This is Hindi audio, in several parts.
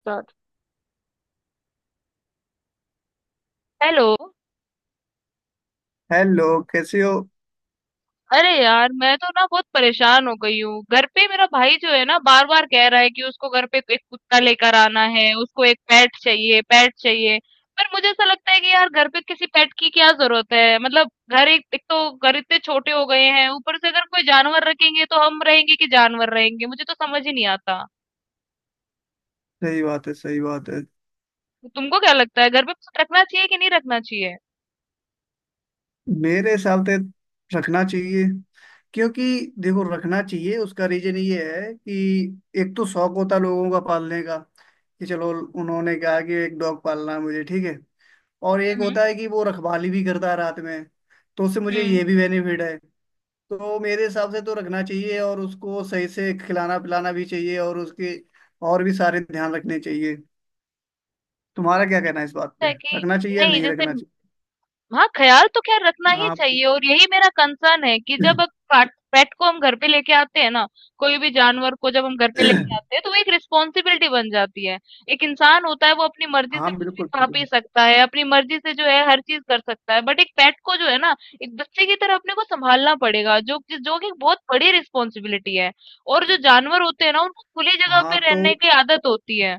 स्टार्ट। हेलो। हेलो, कैसे हो। अरे यार मैं तो ना बहुत परेशान हो गई हूँ। घर पे मेरा भाई जो है ना बार बार कह रहा है कि उसको घर पे एक कुत्ता लेकर आना है। उसको एक पेट चाहिए पेट चाहिए। पर मुझे ऐसा लगता है कि यार घर पे किसी पेट की क्या जरूरत है। मतलब घर एक, एक तो घर इतने छोटे हो गए हैं। ऊपर से अगर कोई जानवर रखेंगे तो हम रहेंगे कि जानवर रहेंगे, मुझे तो समझ ही नहीं आता। सही बात है, सही बात है। तुमको क्या लगता है, घर पे रखना चाहिए कि नहीं रखना चाहिए? मेरे हिसाब से रखना चाहिए, क्योंकि देखो रखना चाहिए उसका रीजन ये है कि एक तो शौक होता है लोगों का पालने का कि चलो उन्होंने कहा कि एक डॉग पालना है मुझे, ठीक है। और एक हम्म। होता है कि वो रखवाली भी करता है रात में, तो उससे मुझे हम्म। ये भी बेनिफिट है। तो मेरे हिसाब से तो रखना चाहिए और उसको सही से खिलाना पिलाना भी चाहिए, और उसके और भी सारे ध्यान रखने चाहिए। तुम्हारा क्या कहना है इस बात पे, है कि रखना चाहिए या नहीं? नहीं जैसे, रखना चाहिए। हाँ, ख्याल तो खैर रखना ही चाहिए और यही मेरा कंसर्न है कि हाँ, जब पेट को हम घर पे लेके आते हैं ना, कोई भी जानवर को जब हम घर पे लेके हाँ, आते हैं तो वो एक रिस्पॉन्सिबिलिटी बन जाती है। एक इंसान होता है वो अपनी मर्जी से कुछ भी बिल्कुल खा पी बिल्कुल। सकता है, अपनी मर्जी से जो है हर चीज कर सकता है, बट एक पेट को जो है ना एक बच्चे की तरह अपने को संभालना पड़ेगा, जो कि एक बहुत बड़ी रिस्पॉन्सिबिलिटी है। और जो जानवर होते हैं ना उनको खुली जगह हाँ, पे तो रहने की आदत होती है।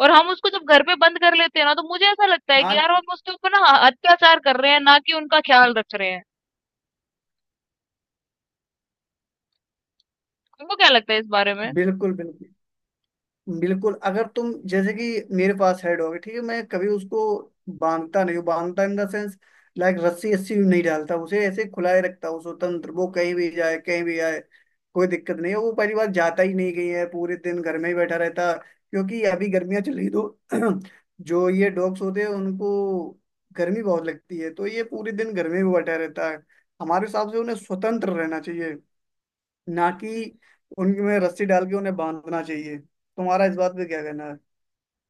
और हम उसको जब घर पे बंद कर लेते हैं ना तो मुझे ऐसा लगता है कि हाँ यार हम उसके ऊपर ना अत्याचार कर रहे हैं ना कि उनका ख्याल रख रहे हैं। तुमको क्या लगता है इस बारे में? बिल्कुल बिल्कुल बिल्कुल। अगर तुम जैसे कि मेरे पास हेड होगी, ठीक है, मैं कभी उसको बांधता नहीं हूँ, बांधता इन द सेंस लाइक रस्सी, रस्सी नहीं डालता उसे, ऐसे खुला ही रखता हूँ स्वतंत्र। वो कहीं भी जाए कहीं भी आए, कोई दिक्कत नहीं है। वो पहली बार जाता ही नहीं कहीं है, पूरे दिन घर में ही बैठा रहता, क्योंकि अभी गर्मियाँ चल रही। तो जो ये डॉग्स होते हैं उनको गर्मी बहुत लगती है, तो ये पूरे दिन घर में भी बैठा रहता है। हमारे हिसाब से उन्हें स्वतंत्र रहना चाहिए, ना कि उनमें रस्सी डाल के उन्हें बांधना चाहिए। तुम्हारा इस बात पे क्या कहना है।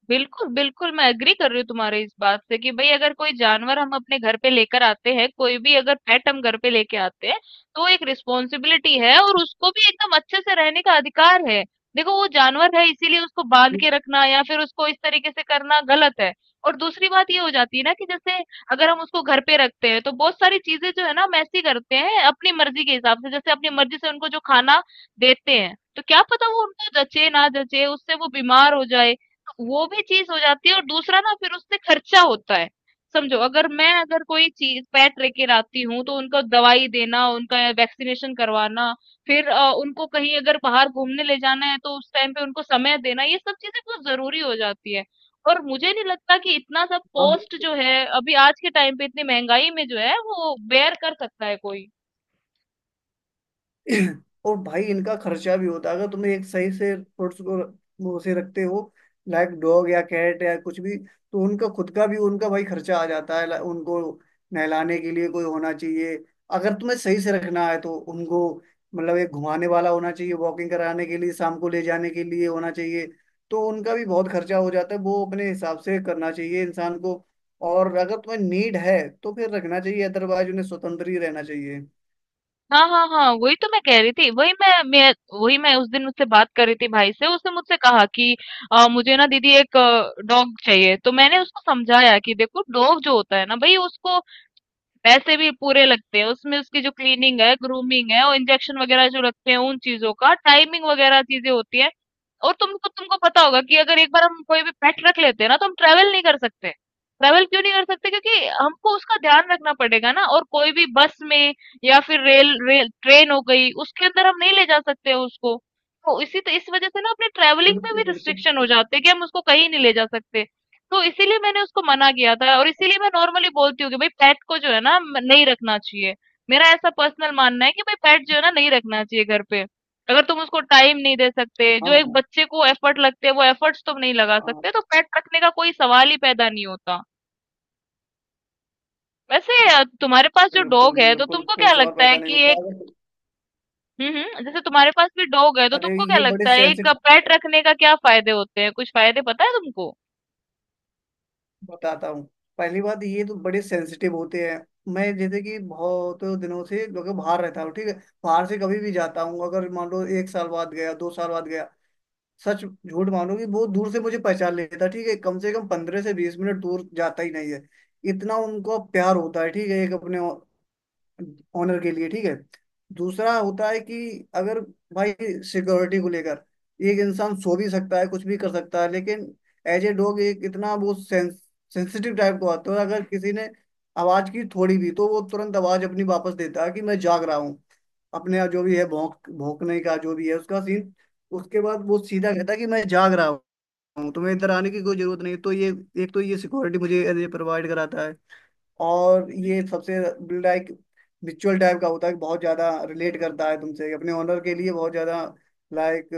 बिल्कुल, बिल्कुल, मैं एग्री कर रही हूँ तुम्हारे इस बात से कि भई अगर कोई जानवर हम अपने घर पे लेकर आते हैं, कोई भी अगर पेट हम घर पे लेके आते हैं, तो वो एक रिस्पॉन्सिबिलिटी है और उसको भी एकदम अच्छे से रहने का अधिकार है। देखो, वो जानवर है, इसीलिए उसको बांध जी, के रखना या फिर उसको इस तरीके से करना गलत है। और दूसरी बात ये हो जाती है ना कि जैसे अगर हम उसको घर पे रखते हैं तो बहुत सारी चीजें जो है ना हम ऐसी करते हैं अपनी मर्जी के हिसाब से। जैसे अपनी मर्जी से उनको जो खाना देते हैं तो क्या पता वो उनको जचे ना जचे, उससे वो बीमार हो जाए। वो भी चीज हो जाती है। और दूसरा ना, फिर उससे खर्चा होता है। समझो अगर मैं अगर कोई चीज पेट लेके आती हूँ तो उनको दवाई देना, उनका वैक्सीनेशन करवाना, फिर उनको कहीं अगर बाहर घूमने ले जाना है तो उस टाइम पे उनको समय देना, ये सब चीजें बहुत जरूरी हो जाती है। और मुझे नहीं लगता कि इतना सब हाँ। कॉस्ट जो है अभी आज के टाइम पे इतनी महंगाई में जो है वो बेयर कर सकता है कोई। और भाई इनका खर्चा भी होता है। अगर तुम्हें एक सही से पेट्स को वो से रखते हो, लाइक डॉग या कैट या कुछ भी, तो उनका खुद का भी उनका भाई खर्चा आ जाता है। उनको नहलाने के लिए कोई होना चाहिए। अगर तुम्हें सही से रखना है तो उनको मतलब एक घुमाने वाला होना चाहिए, वॉकिंग कराने के लिए शाम को ले जाने के लिए होना चाहिए। तो उनका भी बहुत खर्चा हो जाता है, वो अपने हिसाब से करना चाहिए इंसान को। और अगर तुम्हें नीड है तो फिर रखना चाहिए, अदरवाइज उन्हें स्वतंत्र ही रहना चाहिए। हाँ, हाँ, हाँ, वही तो मैं कह रही थी। वही मैं वही मैं उस दिन उससे बात कर रही थी भाई से। उसने मुझसे कहा कि मुझे ना दीदी एक डॉग चाहिए। तो मैंने उसको समझाया कि देखो डॉग जो होता है ना भाई, उसको पैसे भी पूरे लगते हैं उसमें। उसकी जो क्लीनिंग है, ग्रूमिंग है, और इंजेक्शन वगैरह जो लगते हैं उन चीजों का टाइमिंग वगैरह चीजें होती है। और तुमको तुमको पता होगा कि अगर एक बार हम कोई भी पेट रख लेते हैं ना तो हम ट्रेवल नहीं कर सकते। ट्रेवल क्यों नहीं कर सकते? क्योंकि हमको उसका ध्यान रखना पड़ेगा ना, और कोई भी बस में या फिर रेल रेल ट्रेन हो गई, उसके अंदर हम नहीं ले जा सकते हैं उसको। तो इसी तो इस वजह से ना अपने ट्रेवलिंग पे बिल्कुल भी बिल्कुल। रिस्ट्रिक्शन हो जाते हैं कि हम उसको कहीं नहीं ले जा सकते। तो इसीलिए मैंने उसको मना किया था और इसीलिए मैं नॉर्मली बोलती हूँ कि भाई पेट को जो है ना नहीं रखना चाहिए। मेरा ऐसा पर्सनल मानना है कि भाई पेट जो है ना नहीं रखना चाहिए घर पे। अगर तुम उसको टाइम नहीं दे सकते, जो एक हाँ, बच्चे को एफर्ट लगते हैं वो एफर्ट्स तुम नहीं लगा हाँ, सकते, तो पेट रखने का कोई सवाल ही पैदा नहीं होता। वैसे तुम्हारे पास जो डॉग बिल्कुल है तो बिल्कुल तुमको कोई क्या सवाल लगता है पैदा नहीं कि एक, होता अगर। हम्म, जैसे तुम्हारे पास भी डॉग है तो अरे तुमको क्या ये बड़े लगता है एक सेंसिटिव, पेट रखने का क्या फायदे होते हैं? कुछ फायदे पता है तुमको? बताता हूँ। पहली बात, ये तो बड़े सेंसिटिव होते हैं। मैं जैसे कि बहुत दिनों से लोग बाहर रहता हूँ, ठीक है। बाहर से कभी भी जाता हूँ, अगर मान लो एक साल बाद गया, 2 साल बाद गया, सच झूठ मानो कि बहुत दूर से मुझे पहचान लेता, ठीक है। कम से कम 15 से 20 मिनट दूर जाता ही नहीं है, इतना उनको प्यार होता है, ठीक है, एक अपने ऑनर के लिए, ठीक है। दूसरा होता है कि अगर भाई सिक्योरिटी को लेकर, एक इंसान सो भी सकता है कुछ भी कर सकता है, लेकिन एज ए डॉग एक इतना वो सेंसिटिव टाइप का होता है, अगर किसी ने आवाज की थोड़ी भी तो वो तुरंत आवाज अपनी वापस देता है कि मैं जाग रहा हूँ। अपने जो भी है भौंक भौंकने का जो भी है उसका सीन, उसके बाद वो सीधा कहता है कि मैं जाग रहा हूँ, तुम्हें इधर आने की कोई जरूरत नहीं। तो ये एक तो ये सिक्योरिटी मुझे प्रोवाइड कराता है। और ये सबसे लाइक रिचुअल टाइप का होता है कि बहुत ज़्यादा रिलेट करता है तुमसे, अपने ओनर के लिए बहुत ज़्यादा, लाइक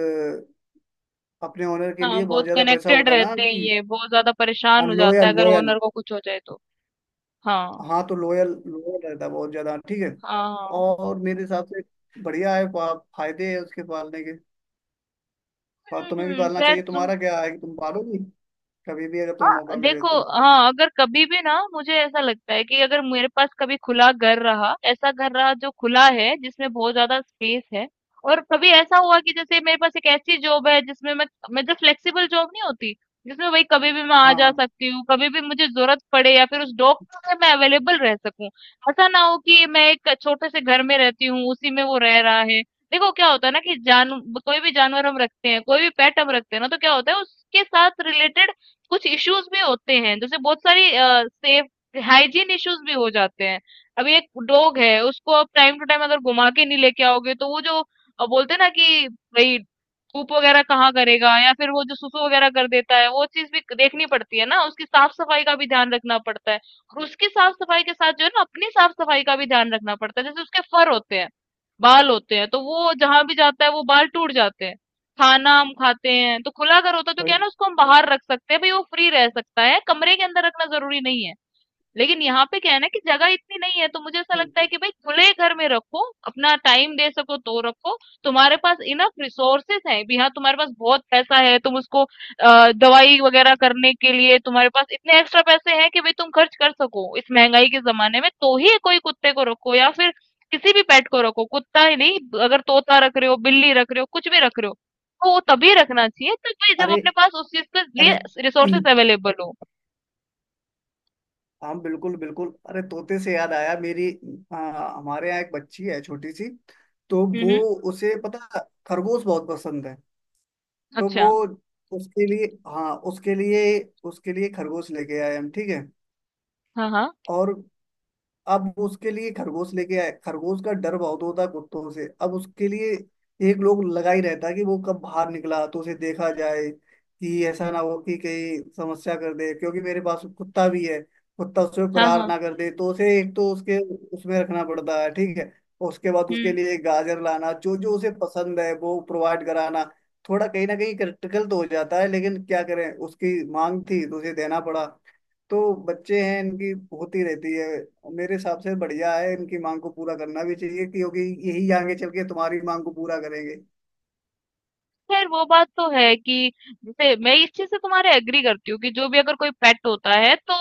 अपने ओनर के हाँ, लिए बहुत बहुत ज़्यादा वैसा कनेक्टेड होता है ना रहते हैं, कि ये बहुत ज्यादा परेशान हो जाता है लोयल, अगर लोयल। ओनर को कुछ हो जाए तो। हाँ। हाँ, तो लोयल, लोयल रहता है बहुत ज़्यादा, ठीक है। हाँ, हाँ। और मेरे हिसाब से बढ़िया है, फायदे है उसके पालने के। और तुम्हें भी हम्म, पालना खैर चाहिए। तुम, तुम्हारा क्या है कि तुम पालोगी कभी भी अगर तुम्हें हाँ, मौका मिले देखो, तो। हाँ, अगर कभी भी ना मुझे ऐसा लगता है कि अगर मेरे पास कभी खुला घर रहा, ऐसा घर रहा जो खुला है जिसमें बहुत ज्यादा स्पेस है, और कभी ऐसा हुआ कि जैसे मेरे पास एक ऐसी जॉब है जिसमें मैं, जो फ्लेक्सिबल जॉब नहीं होती जिसमें भाई कभी भी मैं आ हाँ, जा हाँ, सकती हूँ, कभी भी मुझे जरूरत पड़े या फिर उस जॉब में मैं अवेलेबल रह सकूं। ऐसा ना हो कि मैं एक छोटे से घर में रहती हूँ उसी में वो रह रहा है। देखो क्या होता है ना कि जान, कोई भी जानवर हम रखते हैं, कोई भी पेट हम रखते हैं ना तो क्या होता है, उसके साथ रिलेटेड कुछ इश्यूज भी होते हैं। जैसे बहुत सारी सेफ, हाइजीन इश्यूज भी हो जाते हैं। अभी एक डॉग है, उसको आप टाइम टू टाइम अगर घुमा के नहीं लेके आओगे तो वो जो बोलते हैं ना कि भाई धूप वगैरह कहाँ करेगा, या फिर वो जो सुसु वगैरह कर देता है, वो चीज भी देखनी पड़ती है ना। उसकी साफ सफाई का भी ध्यान रखना पड़ता है, और उसकी साफ सफाई के साथ जो है ना अपनी साफ सफाई का भी ध्यान रखना पड़ता है। जैसे उसके फर होते हैं, बाल होते हैं, तो वो जहां भी जाता है वो बाल टूट जाते हैं। खाना हम खाते हैं, तो खुला अगर होता तो क्या भाई है ना, उसको हम बाहर रख सकते हैं, भाई वो फ्री रह सकता है, कमरे के अंदर रखना जरूरी नहीं है। लेकिन यहाँ पे क्या है ना कि जगह इतनी नहीं है। तो मुझे ऐसा लगता है बिल्कुल। कि भाई खुले घर में रखो, अपना टाइम दे सको तो रखो, तुम्हारे पास इनफ रिसोर्सेस हैं भी, हाँ तुम्हारे पास बहुत पैसा है, तुम उसको दवाई वगैरह करने के लिए तुम्हारे पास इतने एक्स्ट्रा पैसे हैं कि भाई तुम खर्च कर सको, इस महंगाई के जमाने में तो ही कोई कुत्ते को रखो। या फिर किसी भी पेट को रखो, कुत्ता ही नहीं, अगर तोता रख रहे हो, बिल्ली रख रहे हो, कुछ भी रख रहे हो, तो वो तभी रखना चाहिए, तो भाई जब अरे, अपने पास उस चीज के अरे। लिए रिसोर्सेस अवेलेबल हो। हाँ बिल्कुल बिल्कुल। अरे, तोते से याद आया मेरी। हाँ, हमारे यहाँ एक बच्ची है छोटी सी। तो हम्म, वो, उसे पता, खरगोश बहुत पसंद है। तो वो, अच्छा, उसके लिए, हाँ उसके लिए, उसके लिए खरगोश लेके आए हम, ठीक है। हाँ, हाँ, और अब उसके लिए खरगोश लेके आए। खरगोश का डर बहुत होता है कुत्तों से। अब उसके लिए एक लोग लगा ही रहता है कि वो कब बाहर निकला तो उसे देखा जाए, कि ऐसा ना हो कि कहीं समस्या कर दे, क्योंकि मेरे पास कुत्ता भी है। कुत्ता उस पर हाँ, प्रहार हाँ, ना कर दे, तो उसे एक तो उसके उसमें रखना पड़ता है, ठीक है। उसके बाद उसके हुँ। लिए गाजर लाना, जो जो उसे पसंद है वो प्रोवाइड कराना। थोड़ा कहीं ना कहीं क्रिटिकल तो हो जाता है, लेकिन क्या करें उसकी मांग थी तो उसे देना पड़ा। तो बच्चे हैं, इनकी होती रहती है। मेरे हिसाब से बढ़िया है, इनकी मांग को पूरा करना भी चाहिए, क्योंकि यही आगे चल के तुम्हारी मांग को पूरा करेंगे। खैर वो बात तो है कि जैसे मैं इस चीज़ से तुम्हारे एग्री करती हूँ कि जो भी अगर कोई पेट होता है तो,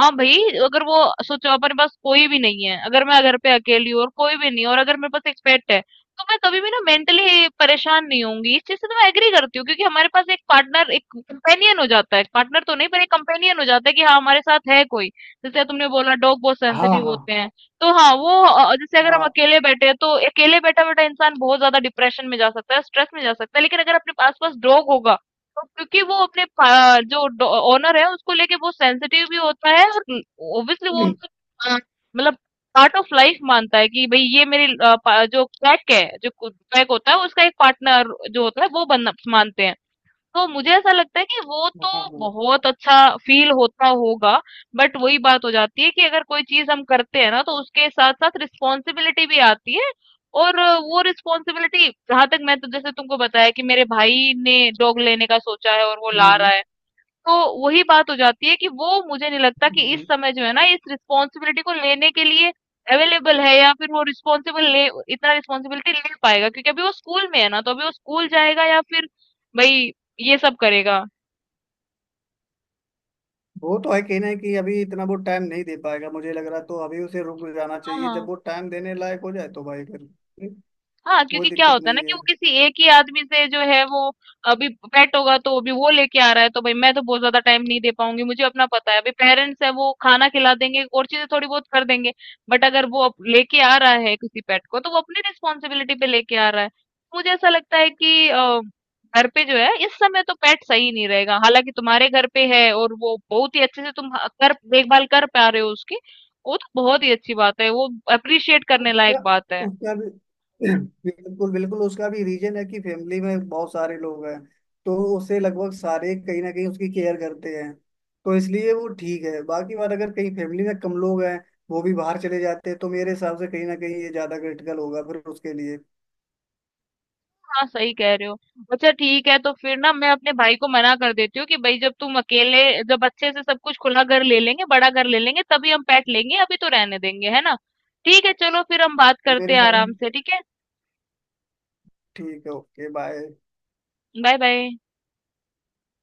हाँ भाई, अगर वो, सोचो अपने पास कोई भी नहीं है, अगर मैं घर पे अकेली हूँ और कोई भी नहीं है और अगर मेरे पास एक पेट है, तो मैं कभी भी ना मेंटली परेशान नहीं होऊंगी। इस चीज़ से तो मैं एग्री करती हूँ क्योंकि हमारे पास एक पार्टनर, एक कंपेनियन हो जाता है, पार्टनर तो नहीं पर एक कंपेनियन हो जाता है कि हाँ हमारे साथ है कोई। जैसे तुमने बोला डॉग बहुत हाँ, सेंसिटिव हाँ, होते हैं। तो हाँ, वो जैसे अगर हम हाँ, अकेले बैठे हैं तो अकेले बैठा बैठा इंसान बहुत ज्यादा डिप्रेशन में जा सकता है, स्ट्रेस में जा सकता है, लेकिन अगर अपने आसपास डॉग होगा तो, क्योंकि वो अपने जो ओनर है उसको लेके बहुत सेंसिटिव भी होता है, और ऑब्वियसली वो उनका अ, मतलब पार्ट ऑफ लाइफ मानता है कि भाई ये मेरी जो पैक है, जो पैक होता है उसका एक पार्टनर जो होता है वो बनना मानते हैं। तो मुझे ऐसा लगता है कि वो हाँ, तो हाँ। बहुत अच्छा फील होता होगा। बट वही बात हो जाती है कि अगर कोई चीज हम करते हैं ना तो उसके साथ साथ रिस्पॉन्सिबिलिटी भी आती है। और वो रिस्पॉन्सिबिलिटी, जहां तक मैं, तो जैसे तुमको बताया कि मेरे भाई ने डॉग लेने का सोचा है और वो ला रहा हम्म, है, तो वही बात हो जाती है कि वो, मुझे नहीं लगता कि इस हम्म। समय जो है ना इस रिस्पॉन्सिबिलिटी को लेने के लिए अवेलेबल है, या फिर वो रिस्पॉन्सिबल, ले, इतना रिस्पॉन्सिबिलिटी ले पाएगा। क्योंकि अभी वो स्कूल में है ना, तो अभी वो स्कूल जाएगा या फिर भाई ये सब करेगा। वो तो है, कहना है कि अभी इतना वो टाइम नहीं दे पाएगा मुझे लग रहा है, तो अभी उसे रुक जाना चाहिए, जब हाँ, वो टाइम देने लायक हो जाए तो भाई फिर हाँ, कोई क्योंकि क्या दिक्कत होता है ना नहीं कि वो है। किसी एक ही आदमी से जो है वो, अभी पेट होगा तो अभी वो लेके आ रहा है तो भाई मैं तो बहुत ज्यादा टाइम नहीं दे पाऊंगी, मुझे अपना पता है, अभी पेरेंट्स है वो खाना खिला देंगे और चीजें थोड़ी बहुत कर देंगे। बट अगर वो अब लेके आ रहा है किसी पेट को तो वो अपनी रिस्पॉन्सिबिलिटी पे लेके आ रहा है। मुझे ऐसा लगता है कि घर पे जो है इस समय तो पेट सही नहीं रहेगा। हालांकि तुम्हारे घर पे है और वो बहुत ही अच्छे से तुम कर, देखभाल कर पा रहे हो उसकी, वो तो बहुत ही अच्छी बात है, वो अप्रिशिएट करने उसका लायक बात है। उसका भी, बिल्कुल बिल्कुल, उसका भी रीजन है कि फैमिली में बहुत सारे लोग हैं, तो उसे लगभग सारे कहीं ना कहीं उसकी केयर करते हैं, तो इसलिए वो ठीक है। बाकी बात, अगर कहीं फैमिली में कम लोग हैं, वो भी बाहर चले जाते हैं, तो मेरे हिसाब से कहीं ना कहीं ये ज्यादा क्रिटिकल होगा फिर उसके लिए। हाँ, सही कह रहे हो। अच्छा ठीक है, तो फिर ना मैं अपने भाई को मना कर देती हूँ कि भाई जब तुम अकेले, जब अच्छे से सब कुछ खुला घर ले लेंगे, बड़ा घर ले लेंगे तभी हम पेट लेंगे, अभी तो रहने देंगे, है ना। ठीक है, चलो फिर हम बात करते मेरे हैं हिसाब से आराम से, ठीक है। ठीक है। Okay, bye. Bye bye.